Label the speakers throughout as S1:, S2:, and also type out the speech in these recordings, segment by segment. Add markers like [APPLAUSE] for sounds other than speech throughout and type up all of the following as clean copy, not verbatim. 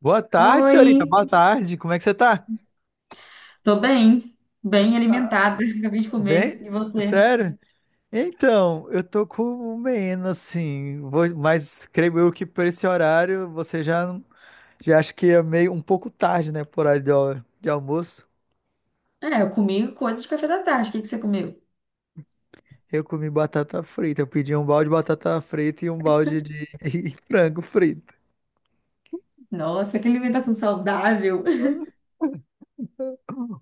S1: Boa tarde, senhorita.
S2: Oi,
S1: Boa tarde. Como é que você tá?
S2: tô bem, bem alimentada, [LAUGHS] acabei de comer.
S1: Bem?
S2: E você?
S1: Sério? Então, eu tô com menos, assim, mas creio eu que por esse horário você já acha que é meio um pouco tarde, né? Por horário de almoço.
S2: É, eu comi coisa de café da tarde. O que que você comeu?
S1: Eu comi batata frita. Eu pedi um balde de batata frita e um balde de [LAUGHS] e frango frito.
S2: Nossa, [LAUGHS] que alimentação saudável. [LAUGHS]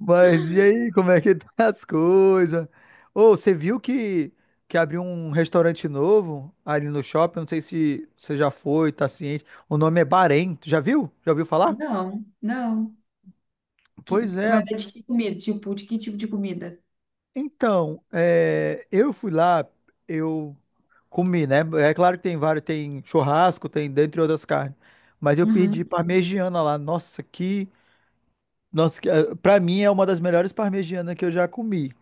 S1: Mas e aí, como é que tá [LAUGHS] as coisas? Ô, você viu que abriu um restaurante novo ali no shopping? Não sei se você já foi, tá ciente. O nome é Bahrein. Tu já viu? Já ouviu falar?
S2: Não, não. Que-
S1: Pois é.
S2: mas é de que comida? Tipo, de que tipo de comida?
S1: Então, é, eu fui lá, eu comi, né? É claro que tem vários, tem churrasco, tem dentre outras carnes. Mas eu pedi
S2: Uhum.
S1: parmegiana lá. Nossa, que. Nossa, que, pra mim é uma das melhores parmegianas que eu já comi.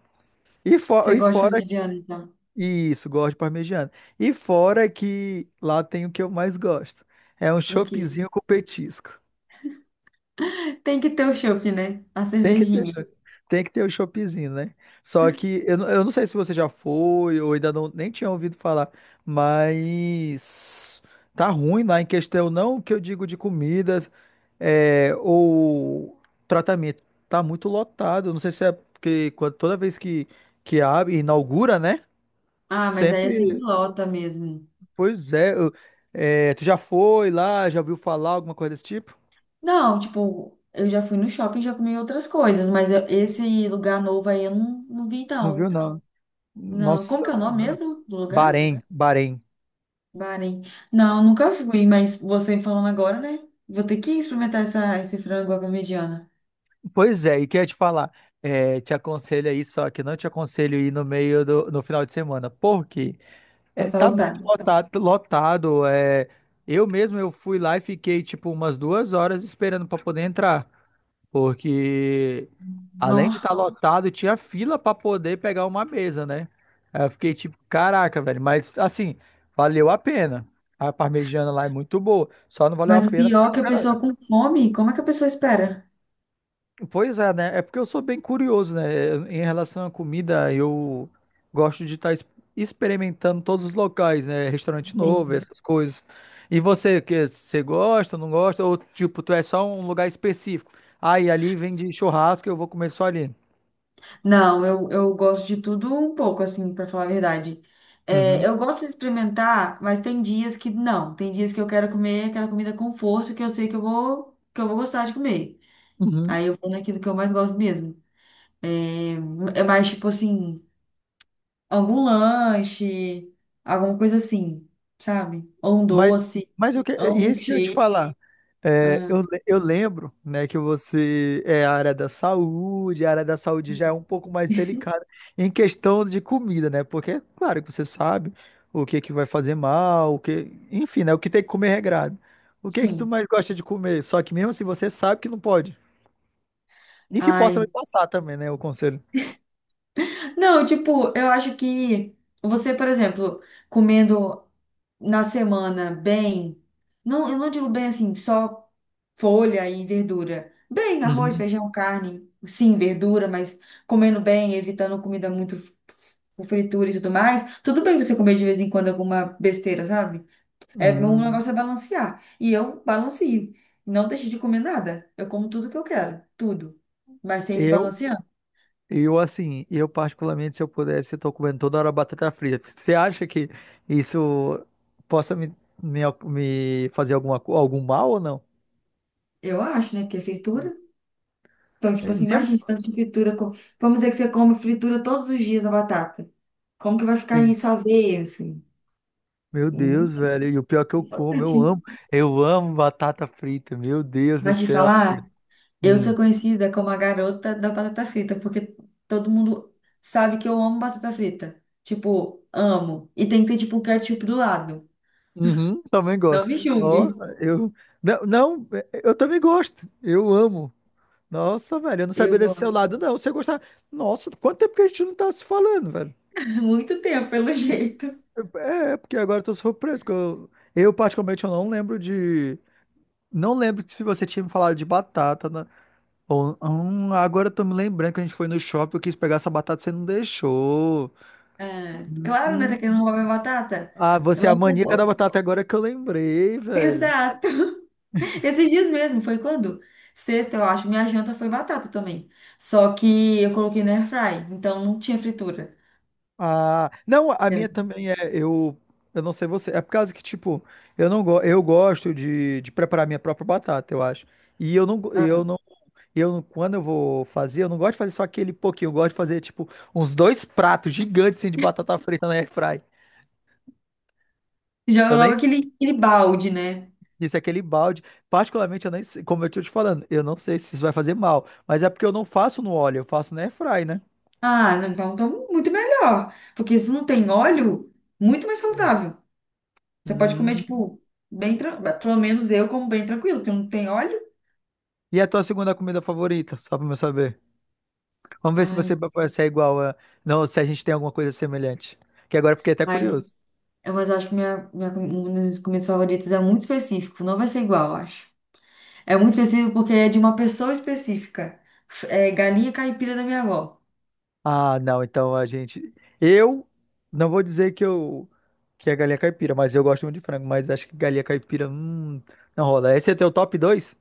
S1: E, fo-
S2: Você
S1: e
S2: gosta de
S1: fora
S2: mediana, então?
S1: Isso, gosto de parmegiana. E fora que lá tem o que eu mais gosto. É um
S2: O quê?
S1: choppzinho com petisco.
S2: Tem que ter o chopp, né? A
S1: Tem que ter, cho-
S2: cervejinha.
S1: tem que ter o choppzinho, né? Só que eu não sei se você já foi ou ainda não, nem tinha ouvido falar, mas tá ruim lá em questão, não que eu digo de comidas é, ou tratamento. Tá muito lotado. Não sei se é porque toda vez que abre, inaugura, né?
S2: Ah, mas aí é sempre
S1: Sempre.
S2: lota mesmo.
S1: Pois é, é, tu já foi lá, já ouviu falar alguma coisa desse tipo?
S2: Não, tipo, eu já fui no shopping e já comi outras coisas, mas esse lugar novo aí eu não, não vi,
S1: Não viu,
S2: não.
S1: não.
S2: Não. Como
S1: Nossa,
S2: que é o nome mesmo do lugar?
S1: Bahrein, Bahrein.
S2: Bahrein. Não, nunca fui, mas você falando agora, né? Vou ter que experimentar essa, esse frango à parmegiana.
S1: Pois é, e quer te falar, é, te aconselho aí, só que não te aconselho ir no meio no final de semana, porque
S2: Vai
S1: é,
S2: estar
S1: tá muito
S2: lotado.
S1: lotado, lotado, é, eu mesmo eu fui lá e fiquei tipo umas duas horas esperando para poder entrar. Porque além de
S2: Não,
S1: estar lotado, tinha fila para poder pegar uma mesa, né? Aí eu fiquei tipo, caraca, velho. Mas assim, valeu a pena. A parmegiana lá é muito boa. Só não valeu a
S2: mas o
S1: pena
S2: pior
S1: ficar
S2: é que a
S1: esperando.
S2: pessoa com fome, como é que a pessoa espera?
S1: Pois é, né? É porque eu sou bem curioso, né? Em relação à comida, eu gosto de estar experimentando todos os locais, né? Restaurante novo,
S2: Entendi.
S1: essas coisas. E você, que você gosta, não gosta? Ou tipo, tu é só um lugar específico? Aí e ali vem de churrasco, eu vou comer só ali.
S2: Não, eu gosto de tudo um pouco, assim, pra falar a verdade. É,
S1: Uhum,
S2: eu gosto de experimentar, mas tem dias que não. Tem dias que eu quero comer aquela comida com força que eu sei que eu vou gostar de comer.
S1: uhum.
S2: Aí eu vou naquilo que eu mais gosto mesmo. É, é mais tipo assim. Algum lanche, alguma coisa assim, sabe? Ou um
S1: Mas,
S2: doce,
S1: mas eu que, é,
S2: ou um
S1: e isso que eu ia te
S2: milkshake.
S1: falar. É, eu,
S2: Ah,
S1: le- eu lembro, né, que você é a área da saúde, a área da saúde já é um pouco mais delicada em questão de comida, né? Porque, claro, que você sabe o que que vai fazer mal, o que, enfim, né, o que tem que comer é regrado. O que que tu
S2: sim.
S1: mais gosta de comer? Só que mesmo se você sabe que não pode. E que possa me
S2: Ai.
S1: passar também, né, o conselho.
S2: Não, tipo, eu acho que você, por exemplo, comendo na semana bem, não, eu não digo bem assim, só folha e verdura. Bem, arroz,
S1: Uhum.
S2: feijão, carne, sim, verdura, mas comendo bem, evitando comida muito com fritura e tudo mais. Tudo bem você comer de vez em quando alguma besteira, sabe? É, o
S1: Hum,
S2: negócio é balancear. E eu balanceio. Não deixo de comer nada. Eu como tudo que eu quero. Tudo. Mas sempre
S1: eu
S2: balanceando.
S1: Eu, assim, eu particularmente, se eu pudesse, eu tô comendo toda hora batata frita. Você acha que isso possa me fazer algum mal ou não?
S2: Eu acho, né? Porque é fritura. Então, tipo
S1: É
S2: assim,
S1: mesmo,
S2: imagina tanto de fritura. Vamos dizer que você come fritura todos os dias a batata. Como que vai ficar
S1: sim.
S2: isso a ver, assim?
S1: Meu Deus,
S2: E...
S1: velho. E o pior é que eu como, eu amo. Eu amo batata frita. Meu Deus do
S2: Mas te
S1: céu.
S2: falar, eu
S1: Hum.
S2: sou conhecida como a garota da batata frita, porque todo mundo sabe que eu amo batata frita. Tipo, amo. E tem que ter, tipo, um ketchup do lado.
S1: Uhum, também
S2: Não
S1: gosto.
S2: me julgue.
S1: Nossa, eu. Não, não, eu também gosto. Eu amo. Nossa, velho, eu não
S2: Eu
S1: sabia desse seu
S2: gosto.
S1: lado, não. Você gostar. Nossa, quanto tempo que a gente não tá se falando, velho?
S2: [LAUGHS] Muito tempo, pelo jeito.
S1: É, porque agora eu tô surpreso, porque eu particularmente eu não lembro de. Não lembro que se você tinha me falado de batata, né? Ou, agora eu tô me lembrando que a gente foi no shopping, eu quis pegar essa batata, você não deixou.
S2: Ah, claro, né? Tá
S1: Hum.
S2: querendo roubar minha batata?
S1: Ah, você é
S2: Ela
S1: a maníaca da
S2: roubou.
S1: batata é agora que eu lembrei,
S2: [LAUGHS]
S1: velho.
S2: Exato. Esses dias mesmo, foi quando? Sexta, eu acho. Minha janta foi batata também. Só que eu coloquei na airfry, então não tinha fritura.
S1: Ah, não, a minha também é, eu não sei você, é por causa que, tipo, eu não go, eu gosto de preparar minha própria batata, eu acho. E eu não, go- eu
S2: Ah.
S1: não Eu, não- quando eu vou fazer, eu não gosto de fazer só aquele pouquinho, eu gosto de fazer, tipo, uns dois pratos gigantes, assim, de batata frita na airfry.
S2: Joga
S1: Eu nem
S2: logo aquele, aquele balde, né?
S1: sei se é aquele balde, particularmente, eu nem sei, como eu tô te falando, eu não sei se isso vai fazer mal, mas é porque eu não faço no óleo, eu faço na airfry, né?
S2: Ah, não, então, então muito melhor. Porque se não tem óleo, muito mais saudável. Você pode comer,
S1: Hum.
S2: tipo, bem tranquilo. Pelo menos eu como bem tranquilo, porque não tem óleo.
S1: E a tua segunda comida favorita, só pra eu saber. Vamos ver se você
S2: Ai,
S1: vai ser igual a. Não, se a gente tem alguma coisa semelhante, que agora eu fiquei até
S2: ai,
S1: curioso.
S2: é. Mas eu acho que minha uma das comidas é muito específico. Não vai ser igual, eu acho. É muito específico porque é de uma pessoa específica. É galinha caipira da minha avó.
S1: Ah, não, então a gente. Eu não vou dizer que eu que é galinha caipira, mas eu gosto muito de frango, mas acho que galinha caipira, não rola. Esse é teu top 2.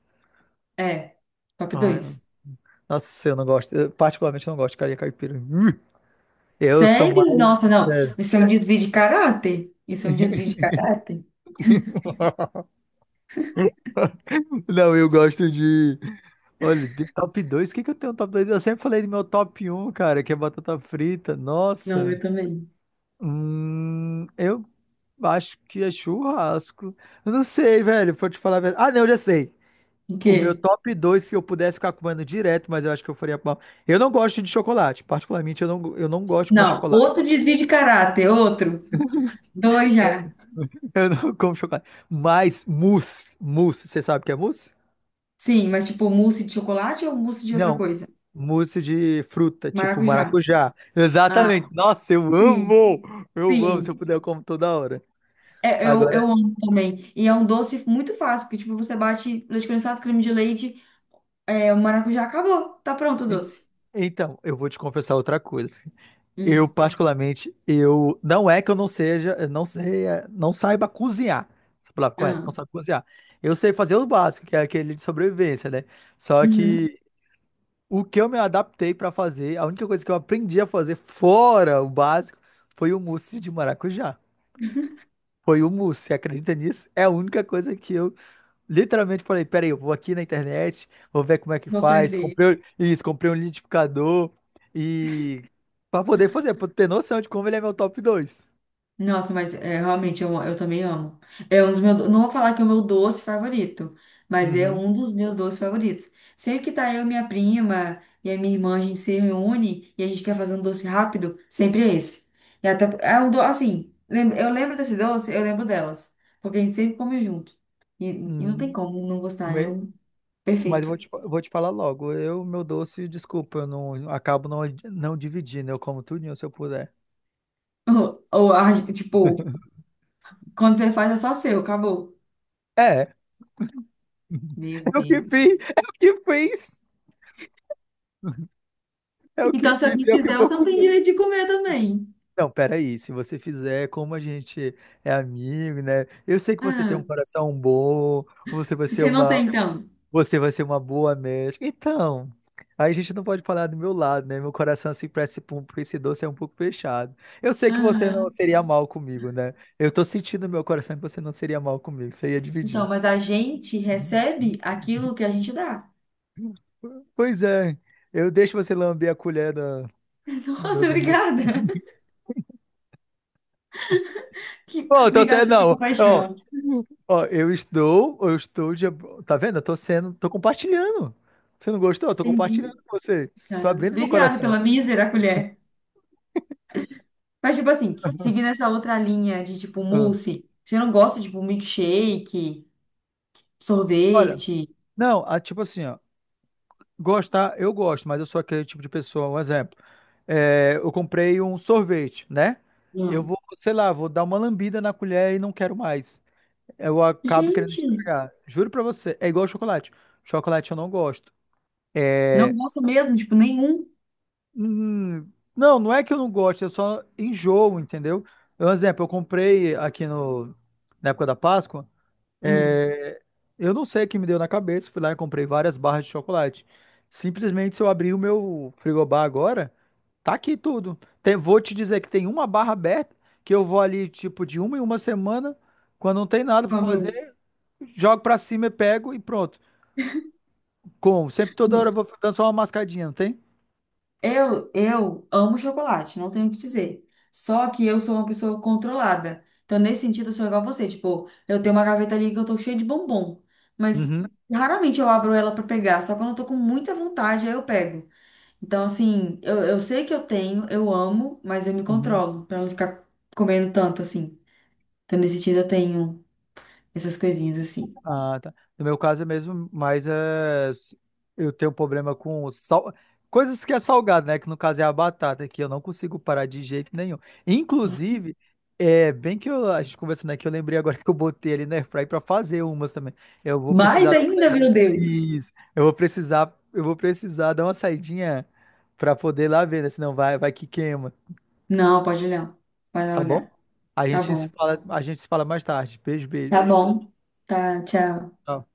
S2: É, top
S1: Ai,
S2: dois.
S1: nossa, eu não gosto. Eu particularmente não gosto de galinha caipira. Eu sou mais.
S2: Sério? Nossa, não.
S1: Sério.
S2: Isso é um desvio de caráter. Isso é um desvio de caráter.
S1: [LAUGHS] Não, eu gosto de. Olha, de top 2. O que que eu tenho no top 2? Eu sempre falei do meu top um, cara, que é batata frita.
S2: Não,
S1: Nossa.
S2: eu também.
S1: Eu acho que é churrasco. Eu não sei, velho. Vou te falar a verdade. Ah, não, eu já sei.
S2: O
S1: O meu
S2: quê?
S1: top 2 se eu pudesse ficar comendo direto, mas eu acho que eu faria mal. Eu não gosto de chocolate. Particularmente, eu não gosto de comer
S2: Não, outro
S1: chocolate.
S2: desvio de caráter, outro. Dois já.
S1: [LAUGHS] Eu não como chocolate. Mas mousse. Mousse. Você sabe o que é mousse?
S2: Sim, mas tipo mousse de chocolate ou mousse de outra
S1: Não.
S2: coisa?
S1: Mousse de fruta, tipo
S2: Maracujá.
S1: maracujá.
S2: Ah,
S1: Exatamente. Nossa, eu
S2: sim,
S1: amo! Eu amo. Se eu
S2: sim.
S1: puder, eu como toda hora.
S2: É, eu,
S1: Agora,
S2: eu amo também. E é um doce muito fácil, porque, tipo, você bate leite condensado, creme de leite, é, o maracujá acabou. Tá pronto o
S1: en-
S2: doce.
S1: então, eu vou te confessar outra coisa. Eu,
S2: Hum.
S1: particularmente, eu não é que eu não seja, eu não sei, não saiba cozinhar. Essa palavra correta,
S2: Ah.
S1: não sabe cozinhar. Eu sei fazer o básico, que é aquele de sobrevivência, né? Só
S2: Uhum.
S1: que o que eu me adaptei pra fazer, a única coisa que eu aprendi a fazer fora o básico foi o mousse de maracujá. Foi o mousse, você acredita nisso? É a única coisa que eu literalmente falei, peraí, eu vou aqui na internet, vou ver como é que
S2: Vou
S1: faz.
S2: aprender.
S1: Comprei isso, comprei um liquidificador e para poder fazer, para ter noção de como ele é meu top dois.
S2: Nossa, mas é, realmente eu também amo. É um dos meus, não vou falar que é o meu doce favorito, mas é
S1: Uhum.
S2: um dos meus doces favoritos. Sempre que tá eu e minha prima e a minha irmã, a gente se reúne e a gente quer fazer um doce rápido, sempre é esse. E até, é um doce, assim, eu lembro desse doce, eu lembro delas, porque a gente sempre come junto. E, e não tem
S1: Uhum.
S2: como não gostar, é
S1: Me-
S2: um
S1: Mas eu
S2: perfeito.
S1: vou vou te falar logo. Eu, meu doce, desculpa, eu não acabo não, não dividindo. Eu como tudinho se eu puder.
S2: [LAUGHS] Ou, ou tipo, quando você faz é só seu, acabou.
S1: É,
S2: Meu
S1: é o que
S2: Deus.
S1: fiz, é o que fiz, é o que
S2: Então, se
S1: fiz,
S2: alguém
S1: é o que
S2: quiser, eu
S1: vou
S2: também tenho
S1: comer.
S2: direito de comer também.
S1: Não, peraí, se você fizer como a gente é amigo, né? Eu sei que você tem um
S2: Ah.
S1: coração bom, você vai
S2: E
S1: ser
S2: você não
S1: uma,
S2: tem, então?
S1: você vai ser uma boa médica. Então, aí a gente não pode falar do meu lado, né? Meu coração assim para pra esse doce é um pouco fechado. Eu sei que você não
S2: Aham.
S1: seria mal comigo, né? Eu tô sentindo no meu coração que você não seria mal comigo, você ia
S2: Então,
S1: dividir.
S2: mas a gente recebe aquilo que a gente dá.
S1: Pois é, eu deixo você lamber a colher da-
S2: [LAUGHS]
S1: do,
S2: Nossa,
S1: do,
S2: obrigada. Que...
S1: Bom, então você
S2: obrigada pela
S1: não. Ó,
S2: compaixão.
S1: ó, eu estou, Tá vendo? Tô compartilhando. Você não gostou? Eu tô compartilhando
S2: Entendi.
S1: com você. Tô
S2: Ah,
S1: abrindo meu
S2: obrigada
S1: coração.
S2: pela mísera colher. Mas, tipo assim, seguindo essa outra linha de, tipo,
S1: Ah.
S2: mousse, você não gosta de, tipo, milkshake,
S1: Olha,
S2: sorvete?
S1: não, tipo assim, ó. Gostar, eu gosto, mas eu sou aquele tipo de pessoa. Um exemplo. É, eu comprei um sorvete, né? Eu
S2: Não.
S1: vou, sei lá, vou dar uma lambida na colher e não quero mais. Eu acabo querendo
S2: Gente,
S1: estragar. Juro pra você, é igual chocolate. Chocolate eu não gosto.
S2: não
S1: É.
S2: gosta mesmo, tipo, nenhum.
S1: Não, não é que eu não gosto, eu só enjoo, entendeu? Um exemplo, eu comprei aqui no, na época da Páscoa,
S2: Hum.
S1: é, eu não sei o que me deu na cabeça, fui lá e comprei várias barras de chocolate. Simplesmente, se eu abrir o meu frigobar agora, tá aqui tudo. Vou te dizer que tem uma barra aberta, que eu vou ali, tipo, de uma em uma semana, quando não tem nada pra
S2: Como eu.
S1: fazer, jogo pra cima e pego e pronto. Como? Sempre toda hora eu vou dando só uma mascadinha, não tem?
S2: Eu amo chocolate, não tenho o que dizer. Só que eu sou uma pessoa controlada. Então, nesse sentido, eu sou igual a você. Tipo, eu tenho uma gaveta ali que eu tô cheia de bombom. Mas
S1: Uhum.
S2: raramente eu abro ela pra pegar. Só quando eu tô com muita vontade, aí eu pego. Então, assim, eu sei que eu tenho, eu amo, mas eu me
S1: Uhum.
S2: controlo pra não ficar comendo tanto assim. Então, nesse sentido, eu tenho essas coisinhas assim.
S1: Ah, tá. No meu caso é mesmo, mas é, eu tenho um problema com coisas que é salgado, né? Que no caso é a batata, que eu não consigo parar de jeito nenhum. Inclusive, é bem que a gente conversando aqui, eu lembrei agora [LAUGHS] que eu botei ali na airfryer para fazer umas também. Eu vou precisar
S2: Mais
S1: dar
S2: ainda, meu Deus!
S1: Isso. Eu vou precisar dar uma saidinha para poder lá ver, né? Senão vai que queima,
S2: Não, pode olhar. Vai lá
S1: tá bom?
S2: olhar.
S1: A
S2: Tá
S1: gente se
S2: bom.
S1: fala, a gente se fala mais tarde. Beijo,
S2: Tá
S1: beijo.
S2: bom. Tá, tchau.
S1: Tchau.